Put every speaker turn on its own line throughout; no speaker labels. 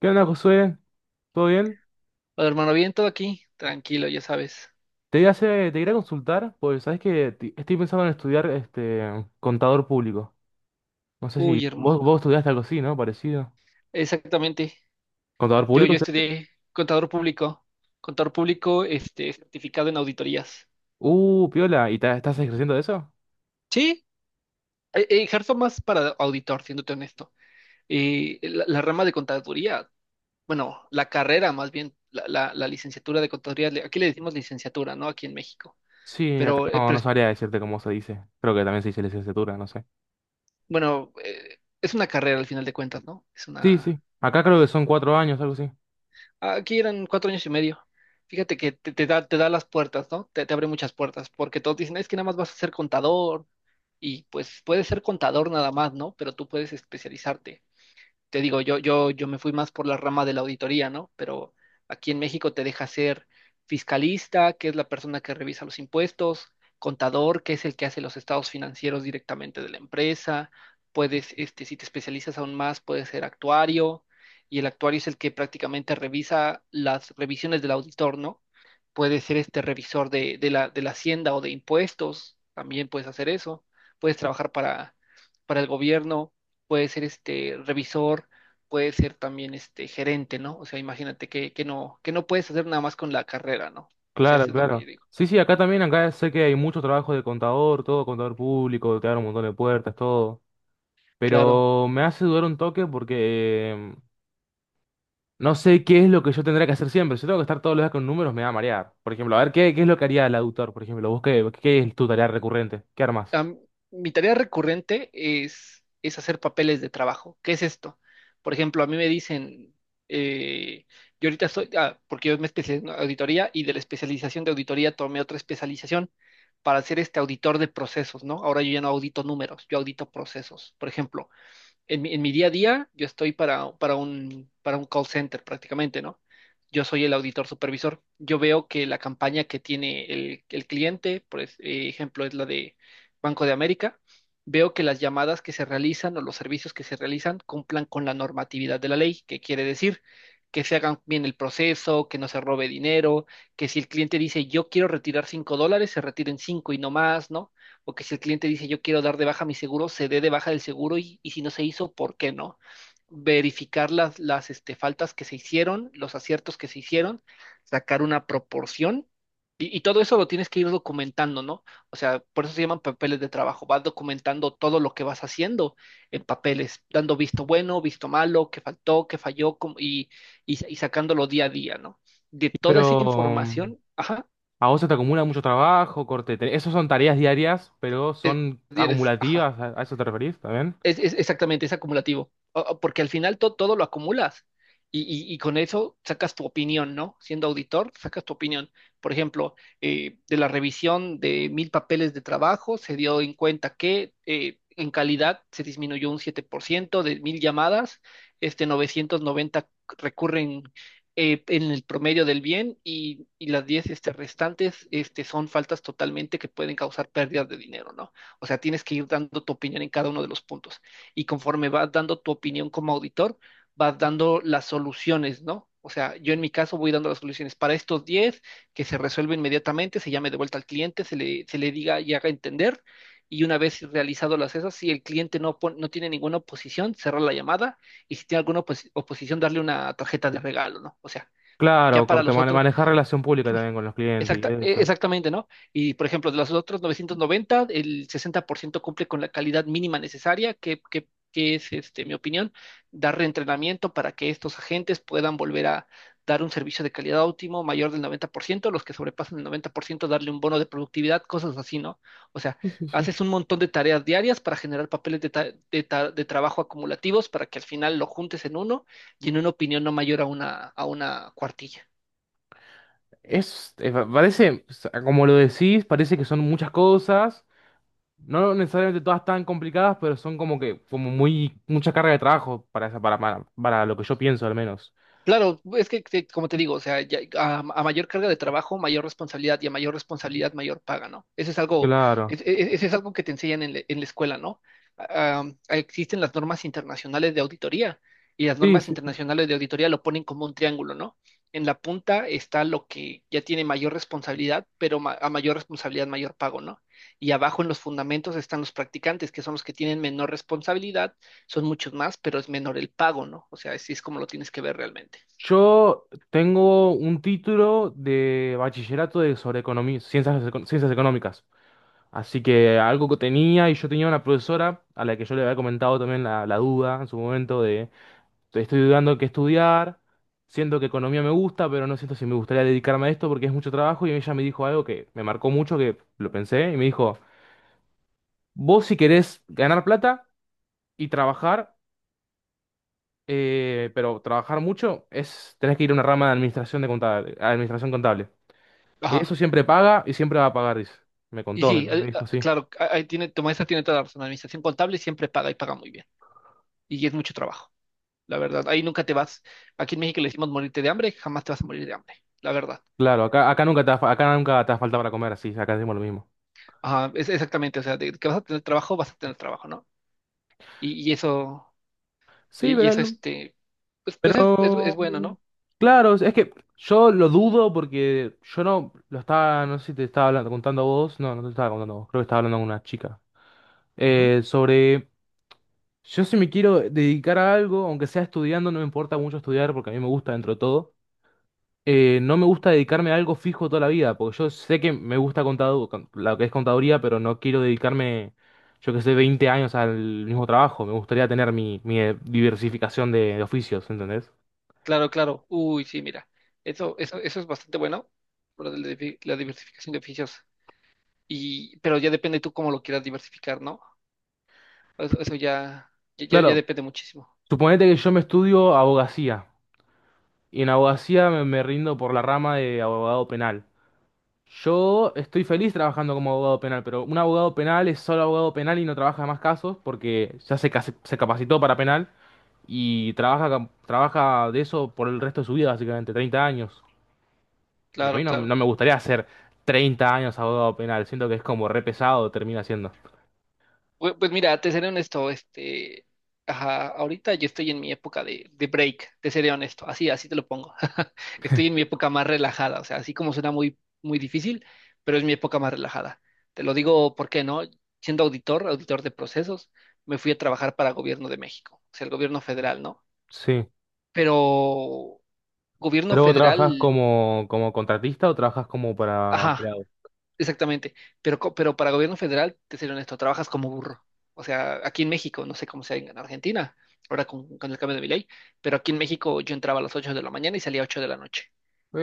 ¿Qué onda, Josué? ¿Todo bien?
Hola, hermano, bien, todo aquí, tranquilo, ya sabes.
Te iba a hacer- Te quería consultar, pues sabes que estoy pensando en estudiar este contador público. No sé si
Uy,
vos,
hermano,
vos estudiaste algo así, ¿no? Parecido.
exactamente.
¿Contador
Yo,
público
yo
estudiaste?
estudié contador público, este, certificado en auditorías.
Piola, ¿y estás ejerciendo de eso?
Sí, ejerzo más para auditor, siéndote honesto. La rama de contaduría, bueno, la carrera más bien, la licenciatura de contaduría, aquí le decimos licenciatura, ¿no? Aquí en México.
Sí, acá
Pero, eh,
no,
pero
no
es-
sabría decirte cómo se dice. Creo que también se dice licenciatura, no sé.
bueno, eh, es una carrera al final de cuentas, ¿no? Es
Sí,
una.
sí. Acá creo que son 4 años, algo así.
Aquí eran 4 años y medio. Fíjate que te da las puertas, ¿no? Te abre muchas puertas, porque todos dicen, es que nada más vas a ser contador, y pues puedes ser contador nada más, ¿no? Pero tú puedes especializarte. Te digo, yo me fui más por la rama de la auditoría, ¿no? Pero aquí en México te deja ser fiscalista, que es la persona que revisa los impuestos; contador, que es el que hace los estados financieros directamente de la empresa; puedes, este, si te especializas aún más, puedes ser actuario, y el actuario es el que prácticamente revisa las revisiones del auditor, ¿no? Puedes ser este revisor de la hacienda o de impuestos, también puedes hacer eso; puedes trabajar para el gobierno, puede ser este revisor, puede ser también este gerente, ¿no? O sea, imagínate que, que no puedes hacer nada más con la carrera, ¿no? O sea,
Claro,
eso es lo que yo
claro.
digo.
Sí, sí, acá también, acá sé que hay mucho trabajo de contador, todo contador público, te abre un montón de puertas, todo.
Claro.
Pero me hace dudar un toque porque no sé qué es lo que yo tendría que hacer siempre. Si tengo que estar todos los días con números, me va a marear. Por ejemplo, a ver, ¿qué es lo que haría el auditor? Por ejemplo, ¿vos qué es tu tarea recurrente? ¿Qué armas?
Am- Mi tarea recurrente es hacer papeles de trabajo. ¿Qué es esto? Por ejemplo, a mí me dicen, eh, yo ahorita soy, porque yo me especialicé en auditoría y de la especialización de auditoría tomé otra especialización para ser este auditor de procesos, ¿no? Ahora yo ya no audito números, yo audito procesos. Por ejemplo, en mi día a día, yo estoy para un call center prácticamente, ¿no? Yo soy el auditor supervisor. Yo veo que la campaña que tiene el cliente, por ejemplo, es la de Banco de América. Veo que las llamadas que se realizan o los servicios que se realizan cumplan con la normatividad de la ley, que quiere decir que se hagan bien el proceso, que no se robe dinero, que si el cliente dice yo quiero retirar $5, se retiren cinco y no más, ¿no?, o que si el cliente dice yo quiero dar de baja mi seguro, se dé de baja del seguro, y si no se hizo, ¿por qué no? Verificar las este, faltas que se hicieron, los aciertos que se hicieron, sacar una proporción, y todo eso lo tienes que ir documentando, ¿no? O sea, por eso se llaman papeles de trabajo: vas documentando todo lo que vas haciendo en papeles, dando visto bueno, visto malo, qué faltó, qué falló y sacándolo día a día, ¿no? De toda esa
Pero
información, ajá,
a vos se te acumula mucho trabajo, corte. Esas son tareas diarias, pero
es-
son
tienes, ajá.
acumulativas. ¿A eso te referís también?
Exactamente, es acumulativo, o porque al final todo lo acumulas, y con eso sacas tu opinión, ¿no? Siendo auditor, sacas tu opinión. Por ejemplo, de la revisión de 1,000 papeles de trabajo, se dio en cuenta que en calidad se disminuyó un 7% de 1,000 llamadas, este, 990 recurren en el promedio del bien, y las 10, este, restantes, este, son faltas totalmente que pueden causar pérdidas de dinero, ¿no? O sea, tienes que ir dando tu opinión en cada uno de los puntos. Y conforme vas dando tu opinión como auditor, vas dando las soluciones, ¿no? O sea, yo en mi caso voy dando las soluciones para estos 10, que se resuelve inmediatamente: se llame de vuelta al cliente, se le diga y haga entender. Y una vez realizado las esas, si el cliente no, no tiene ninguna oposición, cerrar la llamada, y si tiene alguna oposición, darle una tarjeta de regalo, ¿no? O sea, ya
Claro,
para
corte,
los otros.
manejar relación pública también con los clientes y
Exacta, e-
eso.
exactamente, ¿no? Y por ejemplo, de los otros 990, el 60% cumple con la calidad mínima necesaria, que es, este, mi opinión: dar reentrenamiento para que estos agentes puedan volver a dar un servicio de calidad óptimo mayor del 90%, los que sobrepasan el 90% darle un bono de productividad, cosas así, ¿no? O sea,
Sí, sí, sí.
haces un montón de tareas diarias para generar papeles de trabajo acumulativos, para que al final lo juntes en uno y en una opinión no mayor a una cuartilla.
Es, pa- parece, o sea, como lo decís, parece que son muchas cosas. No necesariamente todas tan complicadas, pero son como que, como muy, mucha carga de trabajo para esa, para lo que yo pienso al menos.
Claro, es que, como te digo, o sea, a mayor carga de trabajo, mayor responsabilidad, y a mayor responsabilidad, mayor paga, ¿no? Eso es algo,
Claro.
eso es algo que te enseñan en la escuela, ¿no? Ah, existen las normas internacionales de auditoría, y las
Sí,
normas
sí, sí.
internacionales de auditoría lo ponen como un triángulo, ¿no? En la punta está lo que ya tiene mayor responsabilidad, pero a mayor responsabilidad, mayor pago, ¿no? Y abajo en los fundamentos están los practicantes, que son los que tienen menor responsabilidad, son muchos más, pero es menor el pago, ¿no? O sea, así es como lo tienes que ver realmente.
Yo tengo un título de bachillerato de sobre economía, ciencias, ciencias económicas. Así que algo que tenía, y yo tenía una profesora a la que yo le había comentado también la duda en su momento de estoy dudando qué estudiar, siento que economía me gusta, pero no siento si me gustaría dedicarme a esto porque es mucho trabajo, y ella me dijo algo que me marcó mucho, que lo pensé, y me dijo. Vos si querés ganar plata y trabajar, pero trabajar mucho, tenés que ir a una rama de administración, de contable, administración contable. Que eso
Ajá.
siempre paga y siempre va a pagar, dice. Me
Y
contó, me,
sí,
me dijo así.
claro, tu maestra tiene toda la razón. La administración contable siempre paga y paga muy bien. Y es mucho trabajo, la verdad. Ahí nunca te vas. Aquí en México le decimos morirte de hambre, jamás te vas a morir de hambre, la verdad.
Claro, acá nunca te falta para comer, así, acá decimos lo mismo.
Ajá, es exactamente, o sea, de que vas a tener trabajo, vas a tener trabajo, ¿no? Y, y eso, y,
Sí,
y
pero,
eso, este, pues es
pero
bueno, ¿no?
claro, es que yo lo dudo porque yo no lo estaba, no sé si te estaba contando a vos, no, no te estaba contando a vos, creo que estaba hablando con una chica.
Ujú.
Sobre Yo si me quiero dedicar a algo, aunque sea estudiando, no me importa mucho estudiar porque a mí me gusta dentro de todo. No me gusta dedicarme a algo fijo toda la vida, porque yo sé que me gusta lo que es contaduría, pero no quiero dedicarme, yo que sé, 20 años al mismo trabajo. Me gustaría tener mi diversificación de oficios, ¿entendés?
Claro, claro. Uy, sí, mira, eso es bastante bueno, por la diversificación de oficios. Pero ya depende tú cómo lo quieras diversificar, ¿no? Eso
Claro,
depende muchísimo.
suponete que yo me estudio abogacía y en abogacía me rindo por la rama de abogado penal. Yo estoy feliz trabajando como abogado penal, pero un abogado penal es solo abogado penal y no trabaja más casos porque ya se capacitó para penal y trabaja de eso por el resto de su vida, básicamente, 30 años. Y a mí
Claro,
no, no
claro.
me gustaría hacer 30 años abogado penal, siento que es como re pesado, termina siendo.
Pues mira, te seré honesto, este, ajá, ahorita yo estoy en mi época de break, te seré honesto, así, así te lo pongo. Estoy en mi época más relajada, o sea, así como suena muy, muy difícil, pero es mi época más relajada. Te lo digo porque no, siendo auditor, auditor de procesos, me fui a trabajar para el gobierno de México, o sea, el gobierno federal, ¿no?
Sí.
Pero gobierno
¿Pero vos trabajás
federal,
como contratista o trabajás como para
ajá,
empleado?
exactamente, pero para gobierno federal, te seré honesto, trabajas como burro. O sea, aquí en México, no sé cómo sea en Argentina, ahora con el cambio de mi ley, pero aquí en México yo entraba a las 8 de la mañana y salía a 8 de la noche.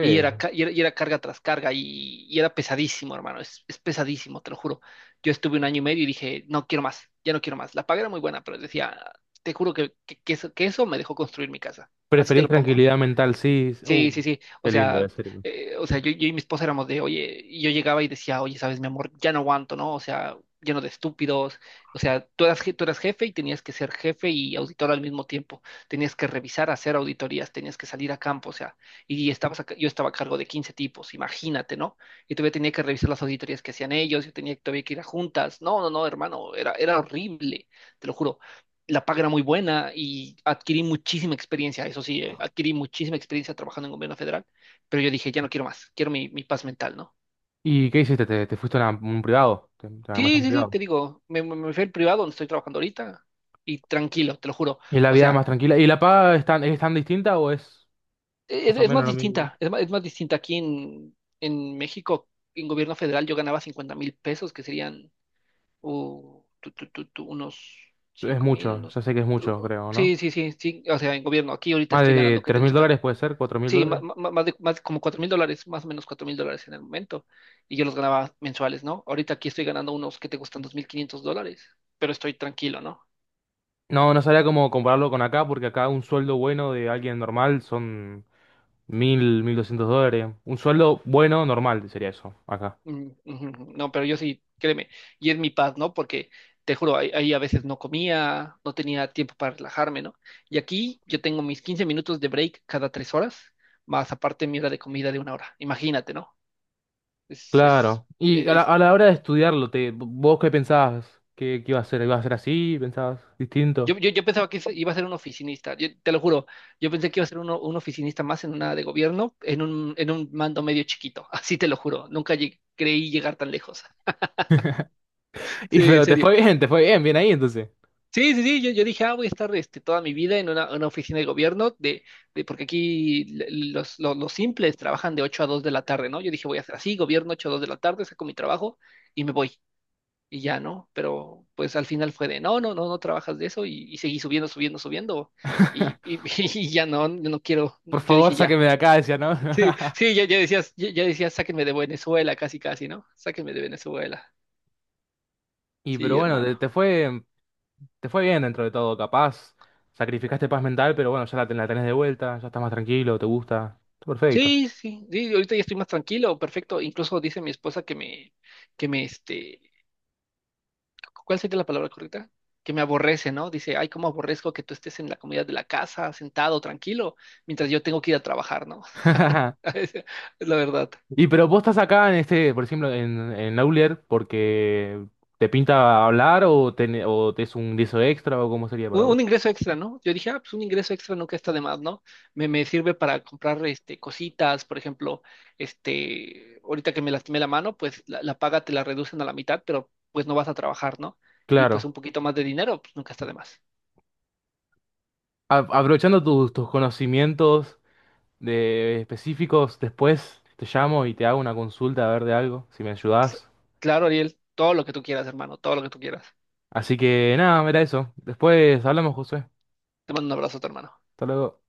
Y era, ca- y era, y era carga tras carga, y era pesadísimo, hermano, es pesadísimo, te lo juro. Yo estuve un año y medio y dije, no quiero más, ya no quiero más. La paga era muy buena, pero decía, te juro que eso me dejó construir mi casa. Así te
Preferís
lo pongo.
tranquilidad mental, sí.
Sí, sí, sí. O
Qué lindo, de
sea,
serio.
yo y mi esposa éramos de oye, y yo llegaba y decía, oye, sabes, mi amor, ya no aguanto, ¿no? O sea, lleno de estúpidos. O sea, tú eras jefe y tenías que ser jefe y auditor al mismo tiempo. Tenías que revisar, hacer auditorías, tenías que salir a campo, o sea, yo estaba a cargo de 15 tipos, imagínate, ¿no? Y todavía tenía que revisar las auditorías que hacían ellos, yo tenía todavía que ir a juntas. No, no, no, hermano, era horrible, te lo juro. La paga era muy buena y adquirí muchísima experiencia, eso sí, adquirí muchísima experiencia trabajando en gobierno federal, pero yo dije, ya no quiero más, quiero mi paz mental, ¿no?
¿Y qué hiciste? ¿Te fuiste a un privado? ¿Te armaste
Sí,
un
sí, sí,
privado?
te digo, me fui al privado donde estoy trabajando ahorita, y tranquilo, te lo juro.
Y la
O
vida
sea,
más tranquila. ¿Y la paga es tan distinta o es
e- es,
más o
es más
menos lo mismo?
distinta, es más distinta aquí en México. En gobierno federal yo ganaba 50,000 pesos, que serían unos
Es
5,000,
mucho,
unos.
ya sé que es mucho, creo, ¿no?
Sí, sí, sí, sí, o sea, en gobierno, aquí ahorita
Más
estoy ganando,
de
¿qué te
tres mil
gusta?
dólares puede ser, cuatro mil
Sí,
dólares.
más como $4,000, más o menos $4,000 en el momento. Y yo los ganaba mensuales, ¿no? Ahorita aquí estoy ganando unos que te gustan $2,500, pero estoy tranquilo, ¿no?
No, no sabría cómo compararlo con acá, porque acá un sueldo bueno de alguien normal son mil, $1.200. Un sueldo bueno, normal sería eso, acá.
Mm, ujú, no, pero yo sí, créeme. Y es mi paz, ¿no? Porque te juro, ahí a veces no comía, no tenía tiempo para relajarme, ¿no? Y aquí yo tengo mis 15 minutos de break cada 3 horas, más aparte mi hora de comida de una hora. Imagínate, ¿no? Es, es,
Claro. Y a la,
es
a la hora de estudiarlo, ¿vos qué pensabas? ¿Qué iba a ser? ¿Iba a ser así? ¿Pensabas
Yo,
distinto?
yo, yo pensaba que iba a ser un oficinista, te lo juro, yo pensé que iba a ser un oficinista más en una de gobierno, en un mando medio chiquito, así te lo juro, nunca creí llegar tan lejos.
Y
Sí, en
pero
serio.
te fue bien, bien ahí entonces.
Sí, sí, sí, yo dije, voy a estar este, toda mi vida en una oficina de gobierno, porque aquí los simples trabajan de 8 a 2 de la tarde, ¿no? Yo dije, voy a hacer así, gobierno 8 a 2 de la tarde, saco mi trabajo y me voy. Y ya, ¿no? Pero pues al final fue de, no, no, no, no trabajas de eso, y seguí subiendo, subiendo, subiendo, y, y- y ya no, yo no quiero,
Por
yo
favor,
dije ya.
sáqueme de acá, decía, ¿no?
Sí, sí, ya decías, sáquenme de Venezuela, casi, casi, ¿no? Sáquenme de Venezuela.
Y
Sí,
pero bueno,
hermano.
te fue bien dentro de todo, capaz. Sacrificaste paz mental, pero bueno, ya la tenés de vuelta, ya estás más tranquilo, te gusta. Está perfecto.
Sí, sí, sí, ahorita ya estoy más tranquilo, perfecto. Incluso dice mi esposa que me, este, ¿cuál sería la palabra correcta? Que me aborrece, ¿no? Dice, ay, cómo aborrezco que tú estés en la comodidad de la casa, sentado, tranquilo, mientras yo tengo que ir a trabajar, ¿no? Es la verdad.
Y pero vos estás acá en este, por ejemplo, en Aulier porque te pinta hablar o te es un guiso extra o cómo sería para
Un,
vos.
un ingreso extra, ¿no? Yo dije, pues un ingreso extra nunca está de más, ¿no? Me sirve para comprar este, cositas, por ejemplo, este, ahorita que me lastimé la mano, pues la paga te la reducen a la mitad, pero pues no vas a trabajar, ¿no? Y pues
Claro.
un poquito más de dinero, pues nunca está de más.
Aprovechando tus conocimientos de específicos, después te llamo y te hago una consulta a ver de algo, si me
Cl-
ayudás.
Claro, Ariel, todo lo que tú quieras, hermano, todo lo que tú quieras.
Así que nada, mira eso. Después hablamos, José.
Te mando un abrazo, hermano.
Hasta luego.